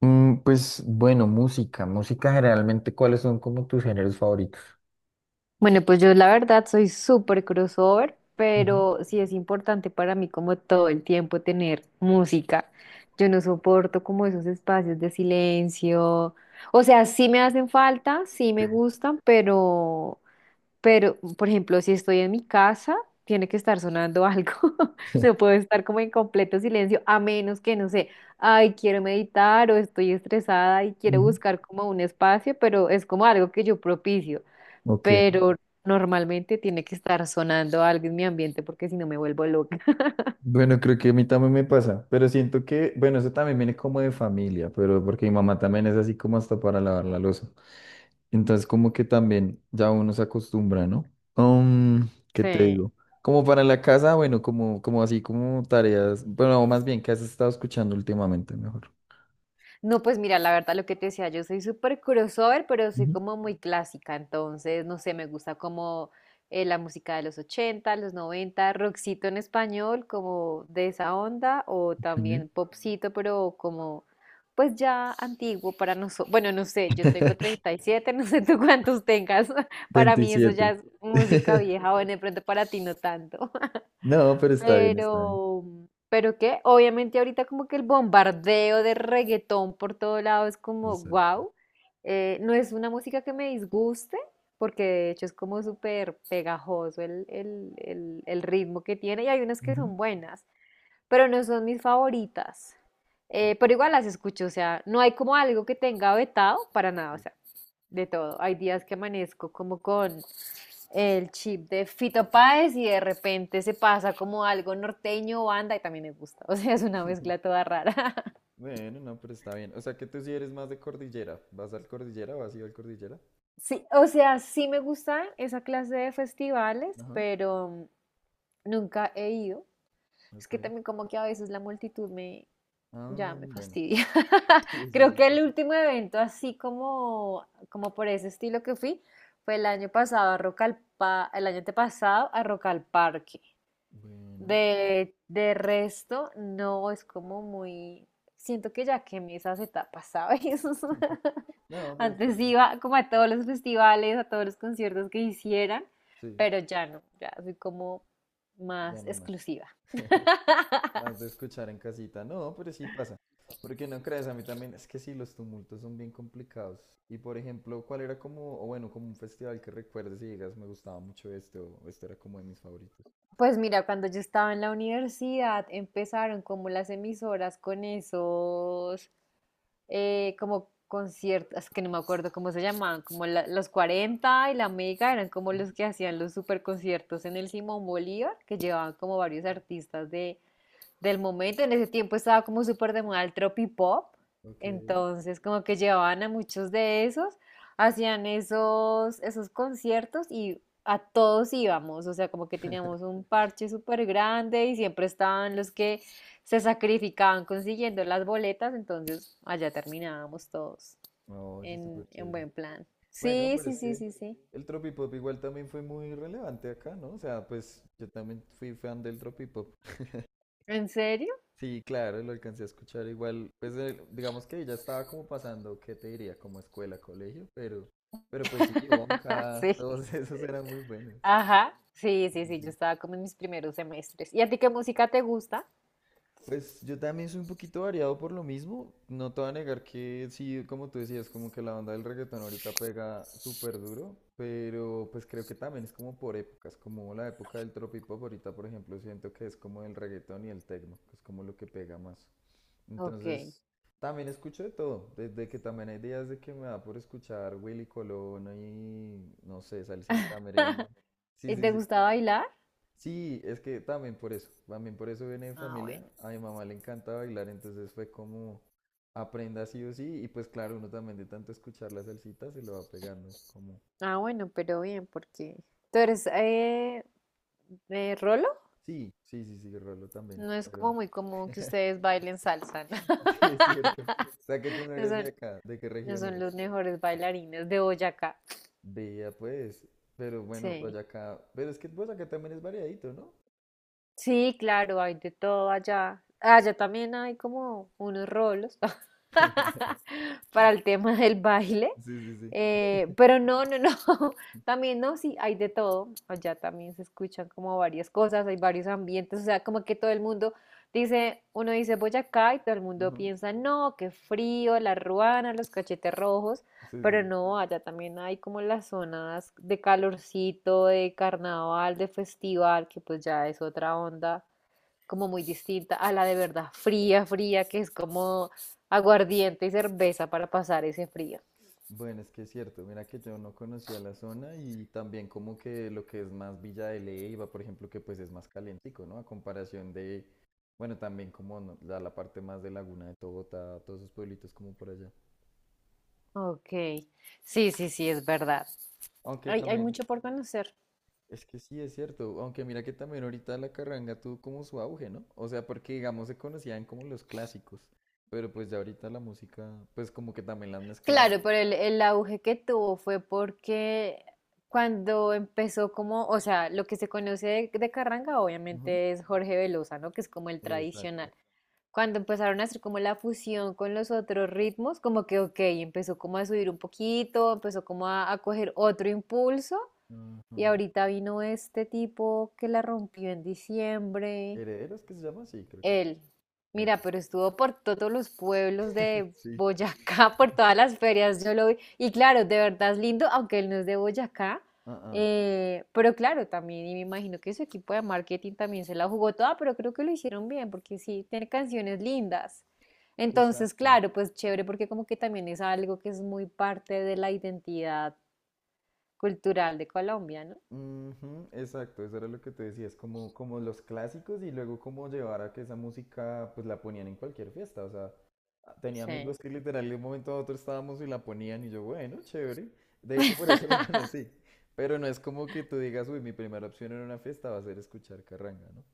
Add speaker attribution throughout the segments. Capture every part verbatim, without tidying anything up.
Speaker 1: Mm, pues bueno, música, música generalmente, ¿cuáles son como tus géneros favoritos?
Speaker 2: Bueno, pues yo la verdad soy súper crossover,
Speaker 1: Ujú,
Speaker 2: pero sí es importante para mí como todo el tiempo tener música. Yo no soporto como esos espacios de silencio. O sea, sí me hacen falta, sí me gustan, pero, pero, por ejemplo, si estoy en mi casa, tiene que estar sonando algo. No puedo estar como en completo silencio, a menos que, no sé, ay, quiero meditar o estoy estresada y quiero
Speaker 1: ujú.
Speaker 2: buscar como un espacio, pero es como algo que yo propicio
Speaker 1: Ok,
Speaker 2: pero normalmente tiene que estar sonando algo en mi ambiente porque si no me vuelvo loca.
Speaker 1: bueno, creo que a mí también me pasa, pero siento que, bueno, eso también viene como de familia, pero porque mi mamá también es así como hasta para lavar la loza. Entonces, como que también ya uno se acostumbra, ¿no? Um, ¿qué te
Speaker 2: Sí.
Speaker 1: digo? Como para la casa, bueno, como, como así como tareas, bueno, o más bien, ¿qué has estado escuchando últimamente mejor?
Speaker 2: No, pues mira, la verdad lo que te decía, yo soy súper crossover, pero soy
Speaker 1: Ujú,
Speaker 2: como muy clásica, entonces, no sé, me gusta como eh, la música de los ochenta, los noventa, rockcito en español, como de esa onda, o
Speaker 1: ok.
Speaker 2: también popcito, pero como, pues ya antiguo para nosotros. Bueno, no sé, yo tengo treinta y siete no sé tú cuántos tengas, para mí eso ya
Speaker 1: veintisiete.
Speaker 2: es música vieja, o de pronto para ti no tanto.
Speaker 1: No, pero está bien, está bien.
Speaker 2: Pero, pero qué, obviamente ahorita como que el bombardeo de reggaetón por todo lado es como
Speaker 1: Está bien.
Speaker 2: wow. No es una música que me disguste, porque de hecho es como súper pegajoso el, el- el- el ritmo que tiene y hay unas que
Speaker 1: Ujú.
Speaker 2: son buenas, pero no son mis favoritas.
Speaker 1: Ok,
Speaker 2: Eh, pero igual las escucho, o sea, no hay como algo que tenga vetado para nada, o
Speaker 1: sí.
Speaker 2: sea, de todo. Hay días que amanezco como con el chip de Fito Páez y de repente se pasa como algo norteño o banda y también me gusta, o sea, es una mezcla toda rara.
Speaker 1: Bueno, no, pero está bien. O sea que tú sí eres más de cordillera. ¿Vas al cordillera o has ido al cordillera?
Speaker 2: Sí, o sea, sí me gusta esa clase de festivales,
Speaker 1: Ajá,
Speaker 2: pero nunca he ido. Es
Speaker 1: ok.
Speaker 2: que también como que a veces la multitud me,
Speaker 1: Ah,
Speaker 2: ya me
Speaker 1: bueno,
Speaker 2: fastidia.
Speaker 1: sí, eso
Speaker 2: Creo
Speaker 1: sí
Speaker 2: que el
Speaker 1: pasa.
Speaker 2: último evento así como, como por ese estilo que fui fue el año pasado a Rock al Pa- el año antepasado a Rock al Parque.
Speaker 1: Bueno.
Speaker 2: De, de resto, no es como muy, siento que ya quemé esas etapas, ¿sabes?
Speaker 1: No, pues está
Speaker 2: Antes
Speaker 1: bien.
Speaker 2: iba como a todos los festivales, a todos los conciertos que hicieran,
Speaker 1: Sí,
Speaker 2: pero ya no, ya soy como
Speaker 1: ya
Speaker 2: más
Speaker 1: no más.
Speaker 2: exclusiva.
Speaker 1: Más de escuchar en casita. No, pero sí pasa. Porque no crees, a mí también. Es que sí, los tumultos son bien complicados. Y por ejemplo, ¿cuál era como, o bueno, como un festival que recuerdes y digas, me gustaba mucho este, o este era como de mis favoritos?
Speaker 2: Pues mira, cuando yo estaba en la universidad empezaron como las emisoras con esos, eh, como conciertos, es que no me acuerdo cómo se llamaban, como la- los Cuarenta y la Mega, eran como los
Speaker 1: Ujú.
Speaker 2: que hacían los super conciertos en el Simón Bolívar, que llevaban como varios artistas de, del momento. En ese tiempo estaba como súper de moda el tropipop,
Speaker 1: Ok.
Speaker 2: entonces como que llevaban a muchos de esos, hacían esos, esos conciertos y a todos íbamos, o sea, como que teníamos un parche súper grande y siempre estaban los que se sacrificaban consiguiendo las boletas, entonces allá terminábamos todos
Speaker 1: Oye,
Speaker 2: en,
Speaker 1: súper
Speaker 2: en
Speaker 1: chévere.
Speaker 2: buen plan.
Speaker 1: Bueno,
Speaker 2: Sí,
Speaker 1: pero
Speaker 2: sí,
Speaker 1: es
Speaker 2: sí,
Speaker 1: que
Speaker 2: sí, sí.
Speaker 1: el tropipop igual también fue muy relevante acá, ¿no? O sea, pues yo también fui fan del tropipop.
Speaker 2: ¿En serio?
Speaker 1: Sí, claro, lo alcancé a escuchar igual. Pues el- digamos que ya estaba como pasando, ¿qué te diría? Como escuela, colegio, pero, pero pues sí, Bonka,
Speaker 2: Sí.
Speaker 1: todos esos eran muy buenos.
Speaker 2: Ajá. Sí,
Speaker 1: Sí,
Speaker 2: sí,
Speaker 1: sí,
Speaker 2: sí, yo
Speaker 1: sí.
Speaker 2: estaba como en mis primeros semestres. ¿Y a ti qué música te gusta?
Speaker 1: Pues yo también soy un poquito variado por lo mismo. No te voy a negar que sí, como tú decías, como que la onda del reggaetón ahorita pega súper duro, pero pues creo que también es como por épocas, como la época del tropipop ahorita, por ejemplo, siento que es como el reggaetón y el tecno, que es como lo que pega más.
Speaker 2: Ok.
Speaker 1: Entonces, también escucho de todo, desde que también hay días de que me da por escuchar Willy Colón y, no sé, salsita, merengue. Sí,
Speaker 2: ¿Y
Speaker 1: sí,
Speaker 2: te
Speaker 1: sí.
Speaker 2: gusta bailar?
Speaker 1: Sí, es que también por eso, también por eso viene de
Speaker 2: Ah,
Speaker 1: familia.
Speaker 2: bueno.
Speaker 1: A mi mamá le encanta bailar, entonces fue como aprenda sí o sí. Y pues claro, uno también de tanto escuchar la salsita se lo va pegando, como
Speaker 2: Ah, bueno, pero bien, porque tú eres eh, eh, Rolo.
Speaker 1: sí, sí, sí, sí, Rolo también,
Speaker 2: No es como
Speaker 1: pero
Speaker 2: muy común que ustedes bailen salsa, ¿no?
Speaker 1: sí, es cierto. O sea que tú no
Speaker 2: No
Speaker 1: eres de
Speaker 2: son,
Speaker 1: acá, ¿de qué
Speaker 2: no
Speaker 1: región
Speaker 2: son
Speaker 1: eres?
Speaker 2: los mejores bailarines de Boyacá.
Speaker 1: Vea pues, pero bueno,
Speaker 2: Sí.
Speaker 1: Boyacá, pero es que Boyacá también es variadito, ¿no?
Speaker 2: Sí, claro, hay de todo allá. Ah, allá también hay como unos rolos para el tema del baile.
Speaker 1: Sí, sí, sí.
Speaker 2: eh, pero no, no, no. También no, sí, hay de todo. Allá también se escuchan como varias cosas, hay varios ambientes. O sea, como que todo el mundo dice, uno dice Boyacá y todo el mundo
Speaker 1: Ujú.
Speaker 2: piensa, no, qué frío, la ruana, los cachetes rojos.
Speaker 1: Sí, sí,
Speaker 2: Pero
Speaker 1: sí.
Speaker 2: no, allá también hay como las zonas de calorcito, de carnaval, de festival, que pues ya es otra onda, como muy distinta a la de verdad fría, fría, que es como aguardiente y cerveza para pasar ese frío.
Speaker 1: Bueno, es que es cierto, mira que yo no conocía la zona y también como que lo que es más Villa de Leyva, por ejemplo, que pues es más calientico, ¿no? A comparación de, bueno, también como no- la, la parte más de Laguna de Togota, todos esos pueblitos como por allá.
Speaker 2: Ok, sí, sí, sí, es verdad.
Speaker 1: Aunque
Speaker 2: Hay, hay
Speaker 1: también,
Speaker 2: mucho por conocer.
Speaker 1: es que sí es cierto, aunque mira que también ahorita la carranga tuvo como su auge, ¿no? O sea, porque digamos se conocían como los clásicos, pero pues ya ahorita la música, pues como que también la han mezclado.
Speaker 2: Claro, pero el, el auge que tuvo fue porque cuando empezó como, o sea, lo que se conoce de, de Carranga
Speaker 1: Ujú.
Speaker 2: obviamente es Jorge Velosa, ¿no? Que es como el
Speaker 1: Exacto.
Speaker 2: tradicional. Cuando empezaron a hacer como la fusión con los otros ritmos, como que, ok, empezó como a subir un poquito, empezó como a, a coger otro impulso y
Speaker 1: Ujú.
Speaker 2: ahorita vino este tipo que la rompió en diciembre.
Speaker 1: Herederos que se llama, sí, creo que sí.
Speaker 2: Él, mira,
Speaker 1: Epa.
Speaker 2: pero estuvo por todos los pueblos de
Speaker 1: Sí.
Speaker 2: Boyacá, por todas las ferias, yo lo vi. Y claro, de verdad es lindo, aunque él no es de Boyacá.
Speaker 1: Ah, ah.
Speaker 2: eh, pero claro, también, y me imagino que su equipo de marketing también se la jugó toda, pero creo que lo hicieron bien, porque sí, tiene canciones lindas. Entonces,
Speaker 1: Exacto.
Speaker 2: claro, pues chévere, porque como que también es algo que es muy parte de la identidad cultural de Colombia, ¿no?
Speaker 1: Ujú, exacto, eso era lo que te decía, es como, como, los clásicos y luego como llevar a que esa música pues la ponían en cualquier fiesta, o sea, ah, tenía amigos
Speaker 2: Sí.
Speaker 1: que literal de un momento a otro estábamos y la ponían y yo, bueno, chévere, de hecho por eso lo conocí, pero no es como que tú digas, uy, mi primera opción en una fiesta va a ser escuchar carranga, ¿no?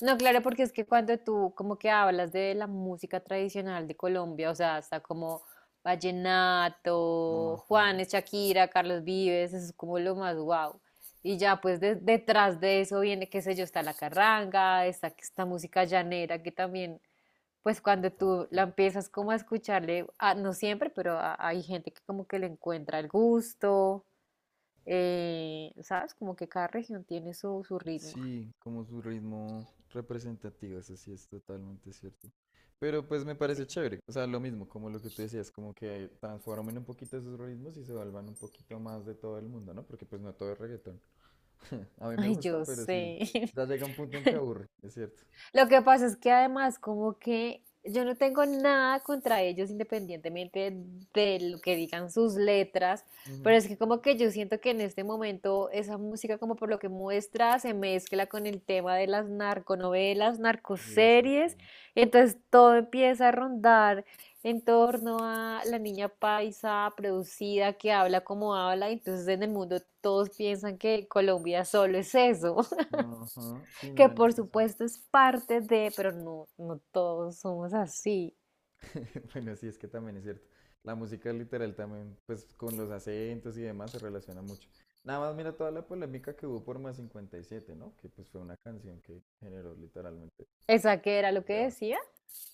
Speaker 2: No, claro, porque es que cuando tú como que hablas de la música tradicional de Colombia, o sea, hasta como vallenato,
Speaker 1: Ajá.
Speaker 2: Juanes, Shakira, Carlos Vives, eso es como lo más guau. Y ya pues de- detrás de eso viene, qué sé yo, está la carranga, está esta música llanera que también, pues cuando
Speaker 1: Epa.
Speaker 2: tú
Speaker 1: Sí,
Speaker 2: la
Speaker 1: sí.
Speaker 2: empiezas como a escucharle, ah, no siempre, pero a- hay gente que como que le encuentra el gusto, eh, ¿sabes? Como que cada región tiene su, su ritmo.
Speaker 1: Sí, como su ritmo representativo, eso sí es totalmente cierto. Pero pues me
Speaker 2: Sí.
Speaker 1: parece chévere, o sea, lo mismo, como lo que tú decías, como que transformen un poquito esos ritmos y se vuelvan un poquito más de todo el mundo, ¿no? Porque pues no todo es reggaetón. A mí me
Speaker 2: Ay,
Speaker 1: gusta,
Speaker 2: yo
Speaker 1: pero sí,
Speaker 2: sé.
Speaker 1: ya llega un punto en que aburre, es cierto.
Speaker 2: Lo que pasa es que además como que yo no tengo nada contra ellos independientemente de lo que digan sus letras, pero
Speaker 1: Ujú.
Speaker 2: es que como que yo siento que en este momento esa música como por lo que muestra se mezcla con el tema de las narconovelas,
Speaker 1: Y eso
Speaker 2: narcoseries,
Speaker 1: sí.
Speaker 2: y entonces todo empieza a rondar en torno a la niña paisa producida que habla como habla, y entonces en el mundo todos piensan que Colombia solo es eso
Speaker 1: Ajá, sí,
Speaker 2: que
Speaker 1: no, en
Speaker 2: por
Speaker 1: eso sí.
Speaker 2: supuesto es parte de, pero no, no todos somos así.
Speaker 1: Bueno, sí, es que también es cierto. La música literal también, pues con los acentos y demás se relaciona mucho. Nada más mira toda la polémica que hubo por Más cincuenta y siete, ¿no? Que pues fue una canción que generó literalmente
Speaker 2: ¿Esa qué era lo que
Speaker 1: debate.
Speaker 2: decía?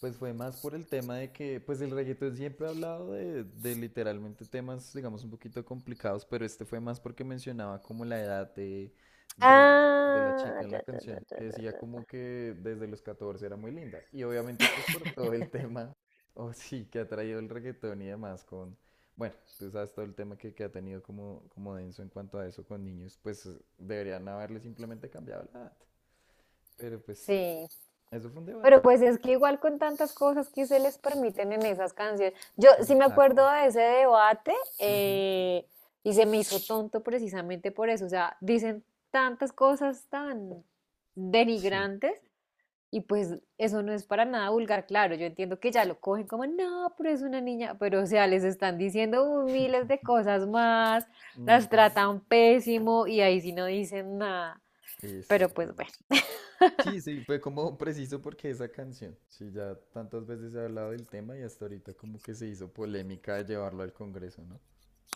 Speaker 1: Pues fue más por el tema de que, pues el reggaetón siempre ha hablado de, de literalmente temas, digamos, un poquito complicados, pero este fue más porque mencionaba como la edad de, de, de la
Speaker 2: Ah,
Speaker 1: chica en
Speaker 2: ya,
Speaker 1: la
Speaker 2: ya, ya,
Speaker 1: canción,
Speaker 2: ya,
Speaker 1: que
Speaker 2: ya,
Speaker 1: decía
Speaker 2: ya, ya.
Speaker 1: como que desde los catorce era muy linda. Y obviamente pues por todo el tema, o sí, que ha traído el reggaetón y demás con, bueno, tú sabes todo el tema que, que ha tenido como, como denso en cuanto a eso con niños, pues deberían haberle simplemente cambiado la edad. Pero pues
Speaker 2: Sí,
Speaker 1: eso fue un
Speaker 2: pero
Speaker 1: debate.
Speaker 2: pues es que igual con tantas cosas que se les permiten en esas canciones. Yo sí me
Speaker 1: Exacto.
Speaker 2: acuerdo de ese debate
Speaker 1: Ujú.
Speaker 2: eh, y se me hizo tonto precisamente por eso. O sea, dicen tantas cosas tan
Speaker 1: Sí.
Speaker 2: denigrantes. Y pues eso no es para nada vulgar, claro, yo entiendo que ya lo cogen como, no, pero es una niña, pero o sea, les están diciendo uh, miles de cosas más, las
Speaker 1: Ujú,
Speaker 2: tratan pésimo y ahí sí no dicen nada. Pero pues
Speaker 1: exactamente.
Speaker 2: bueno,
Speaker 1: Sí, sí, fue como preciso porque esa canción, sí, ya tantas veces se ha hablado del tema y hasta ahorita como que se hizo polémica de llevarlo al Congreso, ¿no?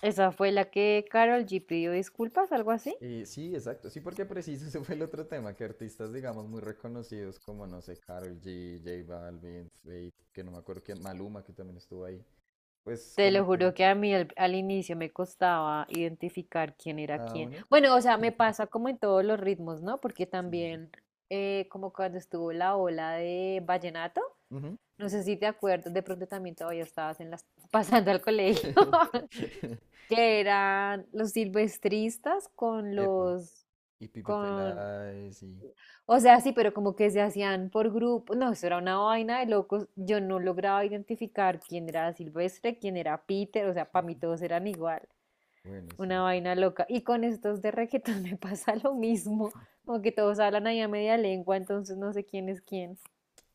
Speaker 2: esa fue la que Carol G pidió disculpas, algo así.
Speaker 1: Eh, sí, exacto, sí, porque preciso ese fue el otro tema, que artistas, digamos, muy reconocidos como, no sé, Karol G, J Balvin, Fate, que no me acuerdo quién, Maluma, que también estuvo ahí, pues
Speaker 2: Te
Speaker 1: como
Speaker 2: lo juro
Speaker 1: que
Speaker 2: que a mí al, al inicio me costaba identificar quién era
Speaker 1: cada
Speaker 2: quién.
Speaker 1: uno.
Speaker 2: Bueno, o sea, me pasa como en todos los ritmos, ¿no? Porque
Speaker 1: Sí, sí, sí.
Speaker 2: también, eh, como cuando estuvo la ola de vallenato.
Speaker 1: Ujú.
Speaker 2: No sé si te acuerdas, de pronto también todavía estabas en las, pasando al colegio, que eran los silvestristas con
Speaker 1: Epa,
Speaker 2: los,
Speaker 1: y Pipe
Speaker 2: con,
Speaker 1: Peláez, y
Speaker 2: o sea, sí, pero como que se hacían por grupo, no, eso era una vaina de locos, yo no lograba identificar quién era Silvestre, quién era Peter, o sea, para mí todos eran igual,
Speaker 1: bueno,
Speaker 2: una
Speaker 1: sí. Sí.
Speaker 2: vaina loca. Y con estos de reggaetón me pasa lo mismo, como que todos hablan ahí a media lengua, entonces no sé quién es quién.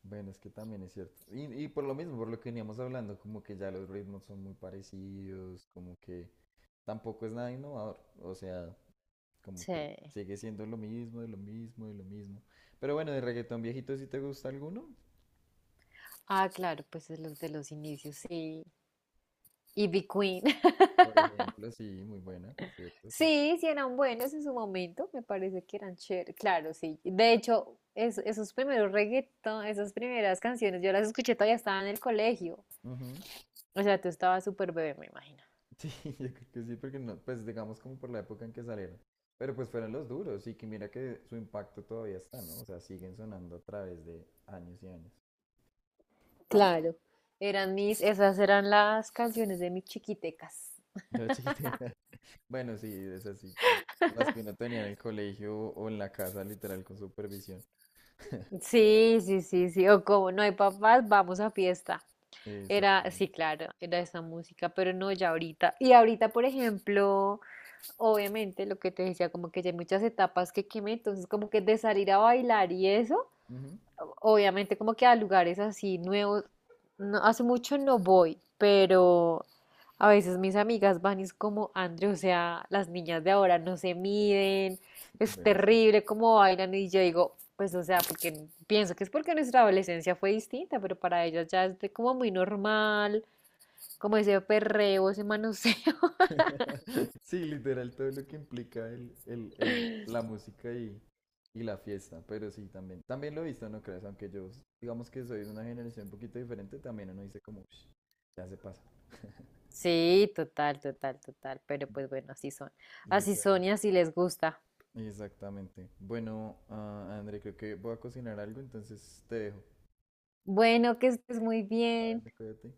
Speaker 1: Bueno, es que también es cierto. Y, y por lo mismo, por lo que veníamos hablando, como que ya los ritmos son muy parecidos, como que tampoco es nada innovador. O sea, como
Speaker 2: Sí.
Speaker 1: que sigue siendo lo mismo, de lo mismo, de lo mismo. Pero bueno, de reggaetón viejito, ¿si te gusta alguno?
Speaker 2: Ah, claro, pues es los de los inicios, sí. Y Big Queen.
Speaker 1: Por ejemplo, sí, muy buena, cierto, cierto.
Speaker 2: Sí, sí eran buenos en su momento, me parece que eran chéveres. Claro, sí. De hecho, es- esos primeros reggaetón, esas primeras canciones, yo las escuché todavía estaba en el colegio.
Speaker 1: Ujú.
Speaker 2: O sea, tú estabas súper bebé, me imagino.
Speaker 1: Sí, yo creo que sí, porque no, pues digamos como por la época en que salieron. Pero pues fueron los duros y que mira que su impacto todavía está, ¿no? O sea, siguen sonando a través de años y años.
Speaker 2: Claro. Eran mis, esas eran las canciones de mis chiquitecas.
Speaker 1: Yo chiquito. Bueno, sí, es así, que las que uno tenía en el colegio o en la casa, literal, con supervisión.
Speaker 2: Sí, sí, sí, sí. O como no hay papás, vamos a fiesta. Era,
Speaker 1: Exactamente.
Speaker 2: sí, claro, era esa música, pero no ya ahorita. Y ahorita, por ejemplo, obviamente, lo que te decía, como que ya hay muchas etapas que quemé, entonces como que de salir a bailar y eso,
Speaker 1: Ujú.
Speaker 2: obviamente como que a lugares así nuevos, no, hace mucho no voy, pero a veces mis amigas van y es como, Andrew, o sea, las niñas de ahora no se miden, es
Speaker 1: Bueno, sí.
Speaker 2: terrible cómo bailan y yo digo, pues o sea, porque pienso que es porque nuestra adolescencia fue distinta, pero para ellas ya es de como muy normal, como ese perreo, ese manoseo.
Speaker 1: Sí, literal, todo lo que implica el, el, el, la música y, y la fiesta, pero sí, también. También lo he visto, no creas, aunque yo, digamos que soy de una generación un poquito diferente, también uno dice como, "Ush, ya se pasa."
Speaker 2: Sí, total, total, total. Pero pues bueno, así son. Así
Speaker 1: Literal.
Speaker 2: son y así les gusta.
Speaker 1: Exactamente. Bueno, ah, André, creo que voy a cocinar algo, entonces te dejo.
Speaker 2: Bueno, que estés muy bien.
Speaker 1: Vale, cuídate.